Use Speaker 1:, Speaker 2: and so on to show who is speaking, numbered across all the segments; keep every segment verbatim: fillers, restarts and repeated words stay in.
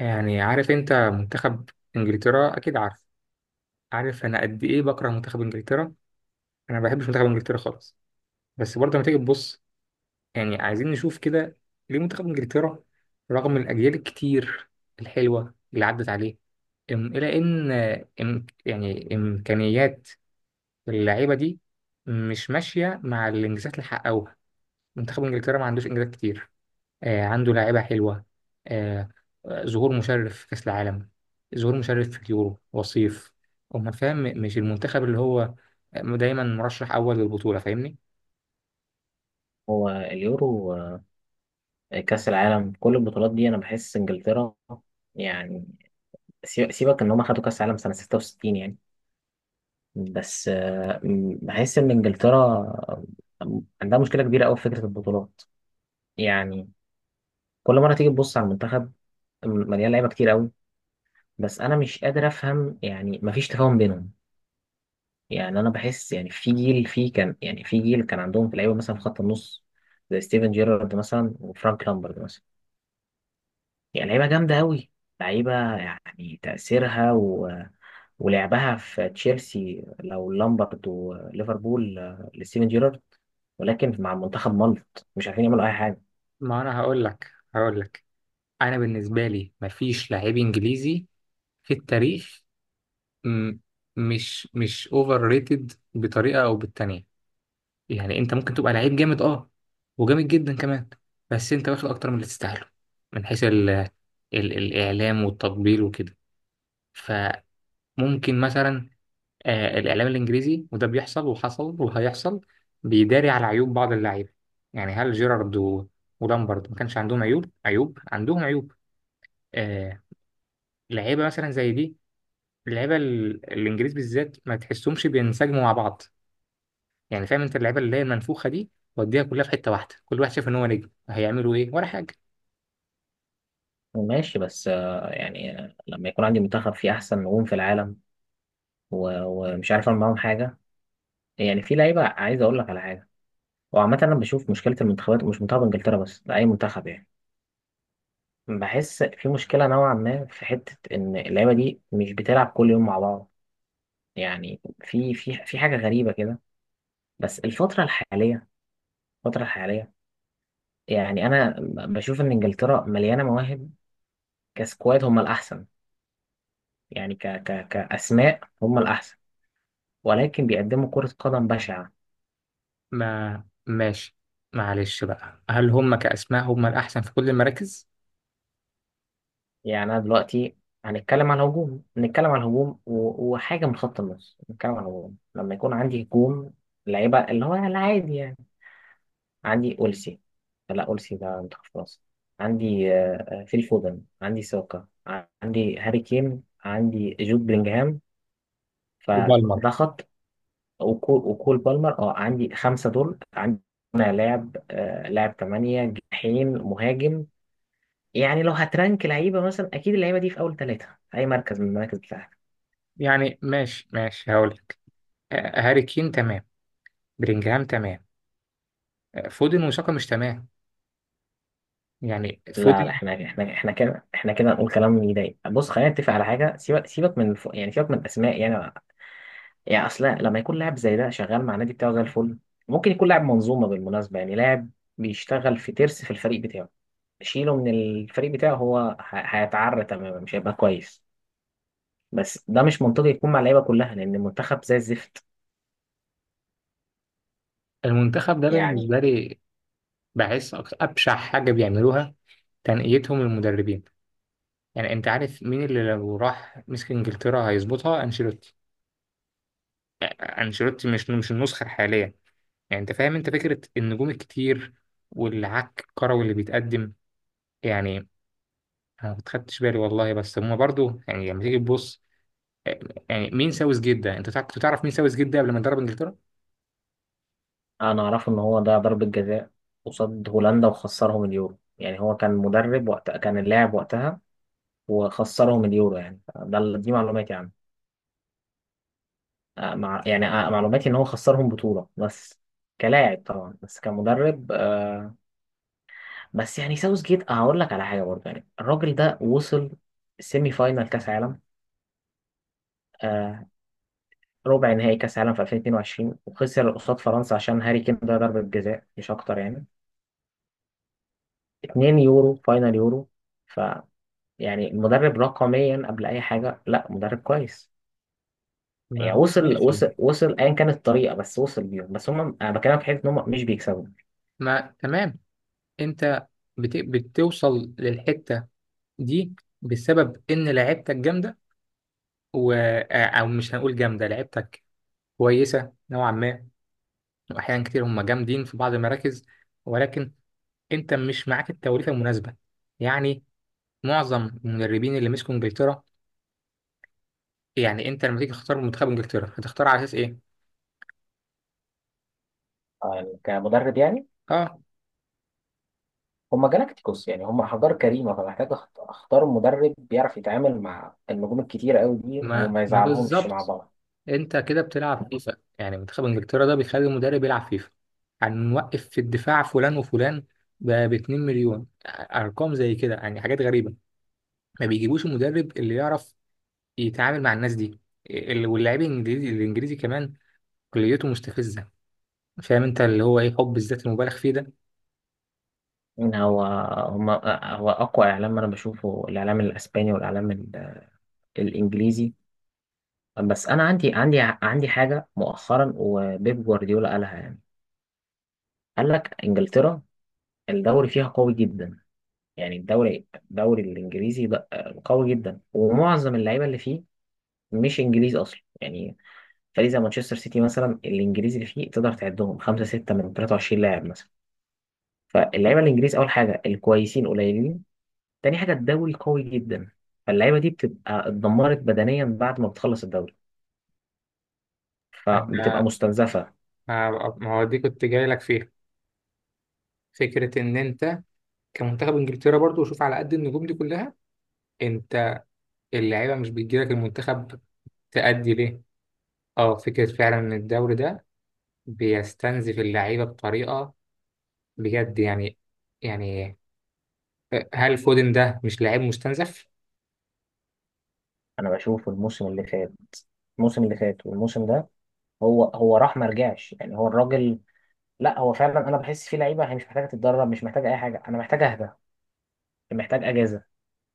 Speaker 1: يعني عارف انت منتخب انجلترا، اكيد عارف. عارف انا قد ايه بكره منتخب انجلترا؟ انا ما بحبش منتخب انجلترا خالص. بس برضه لما تيجي تبص يعني عايزين نشوف كده، ليه منتخب انجلترا رغم الاجيال الكتير الحلوه اللي عدت عليه ام- الى ان ام يعني امكانيات اللعيبه دي مش ماشيه مع الانجازات اللي حققوها. منتخب انجلترا ما عندوش انجازات كتير. آه، عنده لاعيبة حلوة. آه، آه، ظهور مشرف في كأس العالم. ظهور مشرف في اليورو، وصيف. أمال فاهم م- مش المنتخب اللي هو آه، دايما مرشح أول للبطولة، فاهمني؟
Speaker 2: هو اليورو، آه، كأس العالم، كل البطولات دي أنا بحس إنجلترا، يعني سي- سيبك إن هم خدوا كأس العالم سنة ستة وستين. يعني بس آه، م- بحس إن إنجلترا عندها مشكلة كبيرة أوي في فكرة البطولات. يعني كل مرة تيجي تبص على المنتخب م- مليان لعيبة كتير أوي، بس أنا مش قادر أفهم، يعني مفيش تفاهم بينهم. يعني أنا بحس، يعني في جيل في كان يعني في جيل كان عندهم في لعيبة مثلا في خط النص، زي ستيفن جيرارد مثلا وفرانك لامبرد مثلا. هي لعيبة جامدة أوي، لعيبة، يعني تأثيرها و... ولعبها في تشيلسي لو لامبرد، وليفربول آه، لستيفن جيرارد، ولكن مع المنتخب ملط، مش عارفين يعملوا أي حاجة.
Speaker 1: ما أنا هقول لك هقول لك أنا بالنسبة لي مفيش لاعب إنجليزي في التاريخ م- مش مش أوفر ريتد بطريقة أو بالتانية. يعني أنت ممكن تبقى لعيب جامد، أه، وجامد جدا كمان، بس أنت واخد أكتر من اللي تستاهله، من حيث ال ال الإعلام والتطبيل وكده. ممكن مثلا آه الإعلام الإنجليزي، وده بيحصل وحصل وهيحصل، بيداري على عيوب بعض اللعيبة. يعني هل جيرارد و- ولامبرد ما كانش عندهم عيوب؟ عيوب، عندهم عيوب. آه، لعيبة مثلا زي دي، اللعيبة ال- الإنجليز بالذات ما تحسهمش بينسجموا مع بعض. يعني فاهم أنت اللعيبة اللي هي المنفوخة دي، وديها كلها في حتة واحدة، كل واحد شايف إن هو نجم، هيعملوا إيه ولا حاجة.
Speaker 2: ماشي، بس آه، يعني آه، لما يكون عندي منتخب فيه أحسن نجوم في العالم و... ومش عارف أعمل معاهم حاجة، يعني في لعيبة، عايز أقول لك على حاجة. وعامة أنا بشوف مشكلة المنتخبات ومش منتخب إنجلترا بس، ده أي منتخب، يعني بحس في مشكلة نوعا ما، في حتة إن اللعيبة دي مش بتلعب كل يوم مع بعض، يعني في في في حاجة غريبة كده. بس الفترة الحالية الفترة الحالية، يعني أنا ب- بشوف إن إنجلترا مليانة مواهب. كسكواد هم الأحسن، يعني ك ك كأسماء هم الأحسن، ولكن بيقدموا كرة قدم بشعة.
Speaker 1: ما ماشي، معلش بقى، هل هم كأسماء هم الأحسن في كل المراكز؟
Speaker 2: يعني أنا دلوقتي هنتكلم على الهجوم نتكلم على الهجوم و- وحاجة من خط النص. نتكلم على الهجوم لما يكون عندي هجوم لعيبة اللي هو العادي، عندي ألسي. لا، ألسي ده منتخب فرنسا. عندي آه، آه، فيل فودن، عندي ساكا، ع- عندي هاري كين، عندي جود بلينجهام،
Speaker 1: وبالمر.
Speaker 2: فده خط. وكول, وكول بالمر، اه عندي خمسة دول عندنا لاعب، آه، لاعب تمانية، جناحين، مهاجم. يعني لو هترانك لعيبة مثلا، أكيد اللعيبة دي في أول ثلاثة في أي مركز من المراكز بتاعتك.
Speaker 1: يعني ماشي ماشي، هقول آه، هاري كين تمام، بلينجهام تمام، آه، فودن وشاكا مش تمام. يعني
Speaker 2: لا، لا،
Speaker 1: فودن.
Speaker 2: احنا احنا احنا كده احنا كده نقول كلام يضايق. بص، خلينا نتفق على حاجة. سيبك سيبك من الف... يعني سيبك من الأسماء، يعني. يعني اصل لما يكون لاعب زي ده شغال مع النادي بتاعه زي الفل، ممكن يكون لاعب منظومه بالمناسبه، يعني لاعب بيشتغل في ترس في الفريق بتاعه. شيله من الفريق بتاعه هو ه- هيتعرى تماما، مش هيبقى كويس. بس ده مش منطقي يكون مع اللعيبه كلها، لان المنتخب زي الزفت.
Speaker 1: المنتخب ده
Speaker 2: يعني
Speaker 1: بالنسبة لي بحس أك- أبشع حاجة بيعملوها تنقيتهم المدربين. يعني أنت عارف مين اللي لو راح مسك إنجلترا هيظبطها؟ أنشيلوتي. آه، أنشيلوتي، مش مش النسخة الحالية. يعني أنت فاهم أنت فكرة النجوم الكتير والعك الكروي اللي بيتقدم؟ يعني أنا ما خدتش بالي والله، بس هما برضو يعني لما تيجي تبص آه، يعني مين ساوث جدا؟ أنت تع- كنت تعرف مين ساوث جدا قبل ما يدرب إنجلترا؟
Speaker 2: انا اعرف ان هو ده ضربه جزاء قصاد هولندا وخسرهم اليورو، يعني هو كان مدرب وقت كان اللاعب وقتها وخسرهم اليورو. يعني ده ال- دي معلوماتي عنه. آه، مع يعني، آه، معلوماتي ان هو خسرهم بطولة بس، كلاعب طبعا، بس كمدرب آه، بس يعني ساوث جيت هقول لك على حاجة برضه. يعني الراجل ده وصل سيمي فاينال كاس عالم، آه، ربع نهائي كاس عالم في ألفين واتنين وعشرين، وخسر قصاد فرنسا عشان هاري كين ده ضربة جزاء مش اكتر، يعني اتنين يورو، فاينال يورو. ف يعني المدرب رقميا قبل اي حاجة، لا مدرب كويس.
Speaker 1: ما
Speaker 2: يعني
Speaker 1: هو
Speaker 2: وصل
Speaker 1: ماشي.
Speaker 2: وصل وصل ايا كانت الطريقة، بس وصل بيهم. بس هم، انا بكلمك في حته ان هم مش بيكسبوا.
Speaker 1: ما تمام، انت بت... بتوصل للحتة دي بسبب ان لعيبتك جامدة و... آه، او مش هنقول جامدة، لعيبتك كويسة نوعا ما، واحيانا كتير هم جامدين في بعض المراكز، ولكن انت مش معاك التوليفة المناسبة. يعني معظم المدربين اللي مسكوا انجلترا، يعني انت لما تيجي تختار منتخب انجلترا هتختار على اساس ايه؟
Speaker 2: آه، كمدرب يعني،
Speaker 1: اه.
Speaker 2: هم جالاكتيكوس، يعني هم حجار كريمة. فمحتاج أخت- أختار مدرب بيعرف يتعامل مع النجوم الكتيرة أوي دي
Speaker 1: ما
Speaker 2: وما
Speaker 1: ما
Speaker 2: يزعلهمش مع
Speaker 1: بالظبط،
Speaker 2: بعض.
Speaker 1: انت كده بتلعب فيفا. يعني منتخب انجلترا ده بيخلي المدرب يلعب فيفا. هنوقف في الدفاع فلان وفلان ب اتنين مليون، ارقام زي كده يعني حاجات غريبه. ما بيجيبوش المدرب اللي يعرف يتعامل مع الناس دي. ال- واللاعب الانجليزي الانجليزي كمان كليته مستفزه. فاهم انت اللي هو ايه حب الذات المبالغ فيه ده؟
Speaker 2: إن هو هم هو أقوى إعلام أنا بشوفه، الإعلام الأسباني والإعلام ال- الإنجليزي. بس أنا عندي عندي عندي حاجة مؤخرا وبيب جوارديولا قالها. يعني قال لك إنجلترا الدوري فيها قوي جدا، يعني الدوري الدوري الإنجليزي ده قوي جدا، ومعظم اللعيبة اللي فيه مش إنجليز أصلا، يعني فريق زي مانشستر سيتي مثلا، الانجليزي اللي فيه تقدر تعدهم خمسه سته من تلاتة وعشرين لاعب مثلا. فاللعيبه الانجليز اول حاجه الكويسين قليلين، تاني حاجه الدوري قوي جدا، فاللعيبه دي بتبقى اتدمرت بدنيا بعد ما بتخلص الدوري، فبتبقى
Speaker 1: انا
Speaker 2: مستنزفه.
Speaker 1: ما ما هو دي كنت جاي لك فيها، فكره ان انت كمنتخب انجلترا برضو وشوف على قد النجوم دي كلها، انت اللعيبه مش بتجيلك المنتخب تأدي ليه؟ اه، فكرة فعلا ان الدوري ده بيستنزف اللعيبة بطريقة بجد يعني. يعني هل فودن ده مش لعيب مستنزف؟
Speaker 2: انا بشوف الموسم اللي فات، الموسم اللي فات والموسم ده، هو هو راح ما رجعش، يعني هو الراجل. لا، هو فعلا انا بحس فيه لعيبه هي مش محتاجه تتدرب، مش محتاجه اي حاجه، انا محتاج اهدى، محتاج اجازه.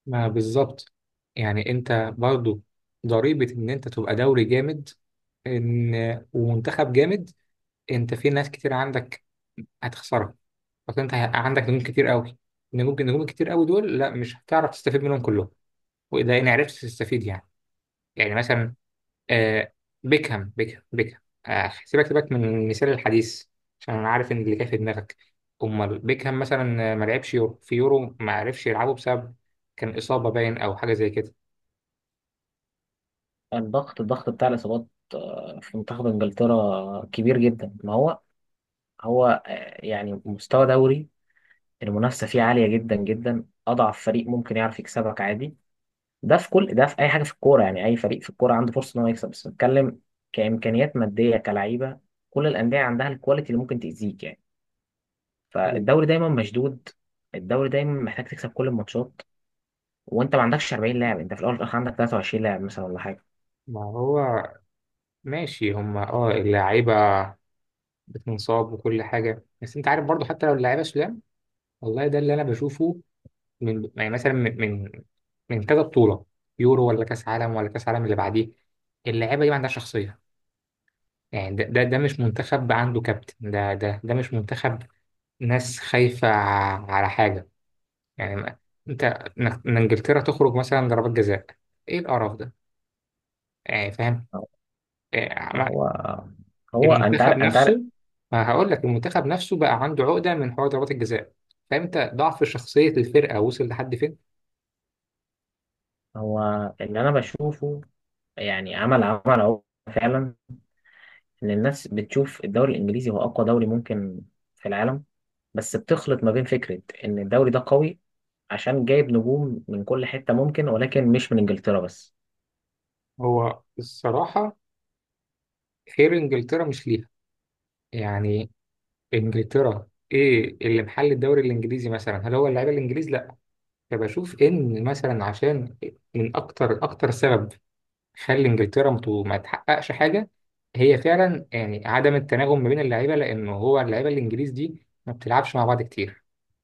Speaker 1: ما بالظبط. يعني انت برضو ضريبة ان انت تبقى دوري جامد ان ومنتخب جامد، انت في ناس كتير عندك هتخسرها. بس انت ه- عندك نجوم كتير قوي، نجوم نجوم كتير قوي دول، لا مش هتعرف تستفيد منهم كلهم. وده ان عرفت تستفيد يعني. يعني مثلا آه، بيكهام بيكهام بيكهام، آه، سيبك سيبك من المثال الحديث، عشان انا عارف ان اللي كان في دماغك. امال بيكهام مثلا آه، ما لعبش يورو، في يورو ما عرفش يلعبه بسبب كان اصابه باين او حاجه زي كده.
Speaker 2: الضغط الضغط بتاع الاصابات آه، في منتخب انجلترا كبير جدا. ما هو، هو آه، يعني مستوى دوري المنافسة فيه عالية جدا جدا. أضعف فريق ممكن يعرف يكسبك عادي. ده في كل ده في أي حاجة في الكورة، يعني أي فريق في الكورة عنده فرصة إن هو يكسب، بس بتكلم كإمكانيات مادية، كلعيبة، كل الأندية عندها الكواليتي اللي ممكن تأذيك، يعني.
Speaker 1: هو-
Speaker 2: فالدوري دايما مشدود، الدوري دايما محتاج تكسب كل الماتشات، وأنت ما عندكش أربعين لاعب، أنت في الأول والآخر عندك تلاتة وعشرين لاعب مثلا، ولا حاجة.
Speaker 1: ما هو ماشي، هم اه اللعيبه بتنصاب وكل حاجه، بس انت عارف برضو حتى لو اللعيبه سلام. والله ده اللي انا بشوفه من يعني مثلا، من من من كذا بطوله، يورو ولا كاس عالم ولا كاس عالم اللي بعديه، اللعيبه دي ما عندها شخصيه. يعني ده ده, ده مش منتخب عنده كابتن. ده ده ده مش منتخب، ناس خايفة ع- على حاجة. يعني ما- انت، إنك- ان انجلترا تخرج مثلا ضربات جزاء، ايه القرف ده؟ يعني فاهم؟ يعني ما-
Speaker 2: فهو هو أنت
Speaker 1: المنتخب
Speaker 2: عارف أنت عارف
Speaker 1: نفسه. ما هقول لك، المنتخب نفسه بقى عنده عقدة من حوار ضربات الجزاء. فاهم انت ضعف شخصية الفرقة وصل لحد فين؟
Speaker 2: هو اللي أنا بشوفه، يعني عمل عمل أهو، فعلا ان الناس بتشوف الدوري الانجليزي هو اقوى دوري ممكن في العالم، بس بتخلط ما بين فكره ان الدوري ده قوي عشان جايب نجوم من كل حته ممكن، ولكن مش من انجلترا بس.
Speaker 1: هو الصراحة خير انجلترا مش ليها. يعني انجلترا ايه اللي محل الدوري الانجليزي مثلا؟ هل هو اللعيبة الانجليز؟ لا. فبشوف إن مثلا عشان من أكتر أكتر سبب خلي إنجلترا مت- ما تحققش حاجة، هي فعلا يعني عدم التناغم ما بين اللعيبة، لأن هو اللعيبة الإنجليز دي ما بتلعبش مع بعض كتير.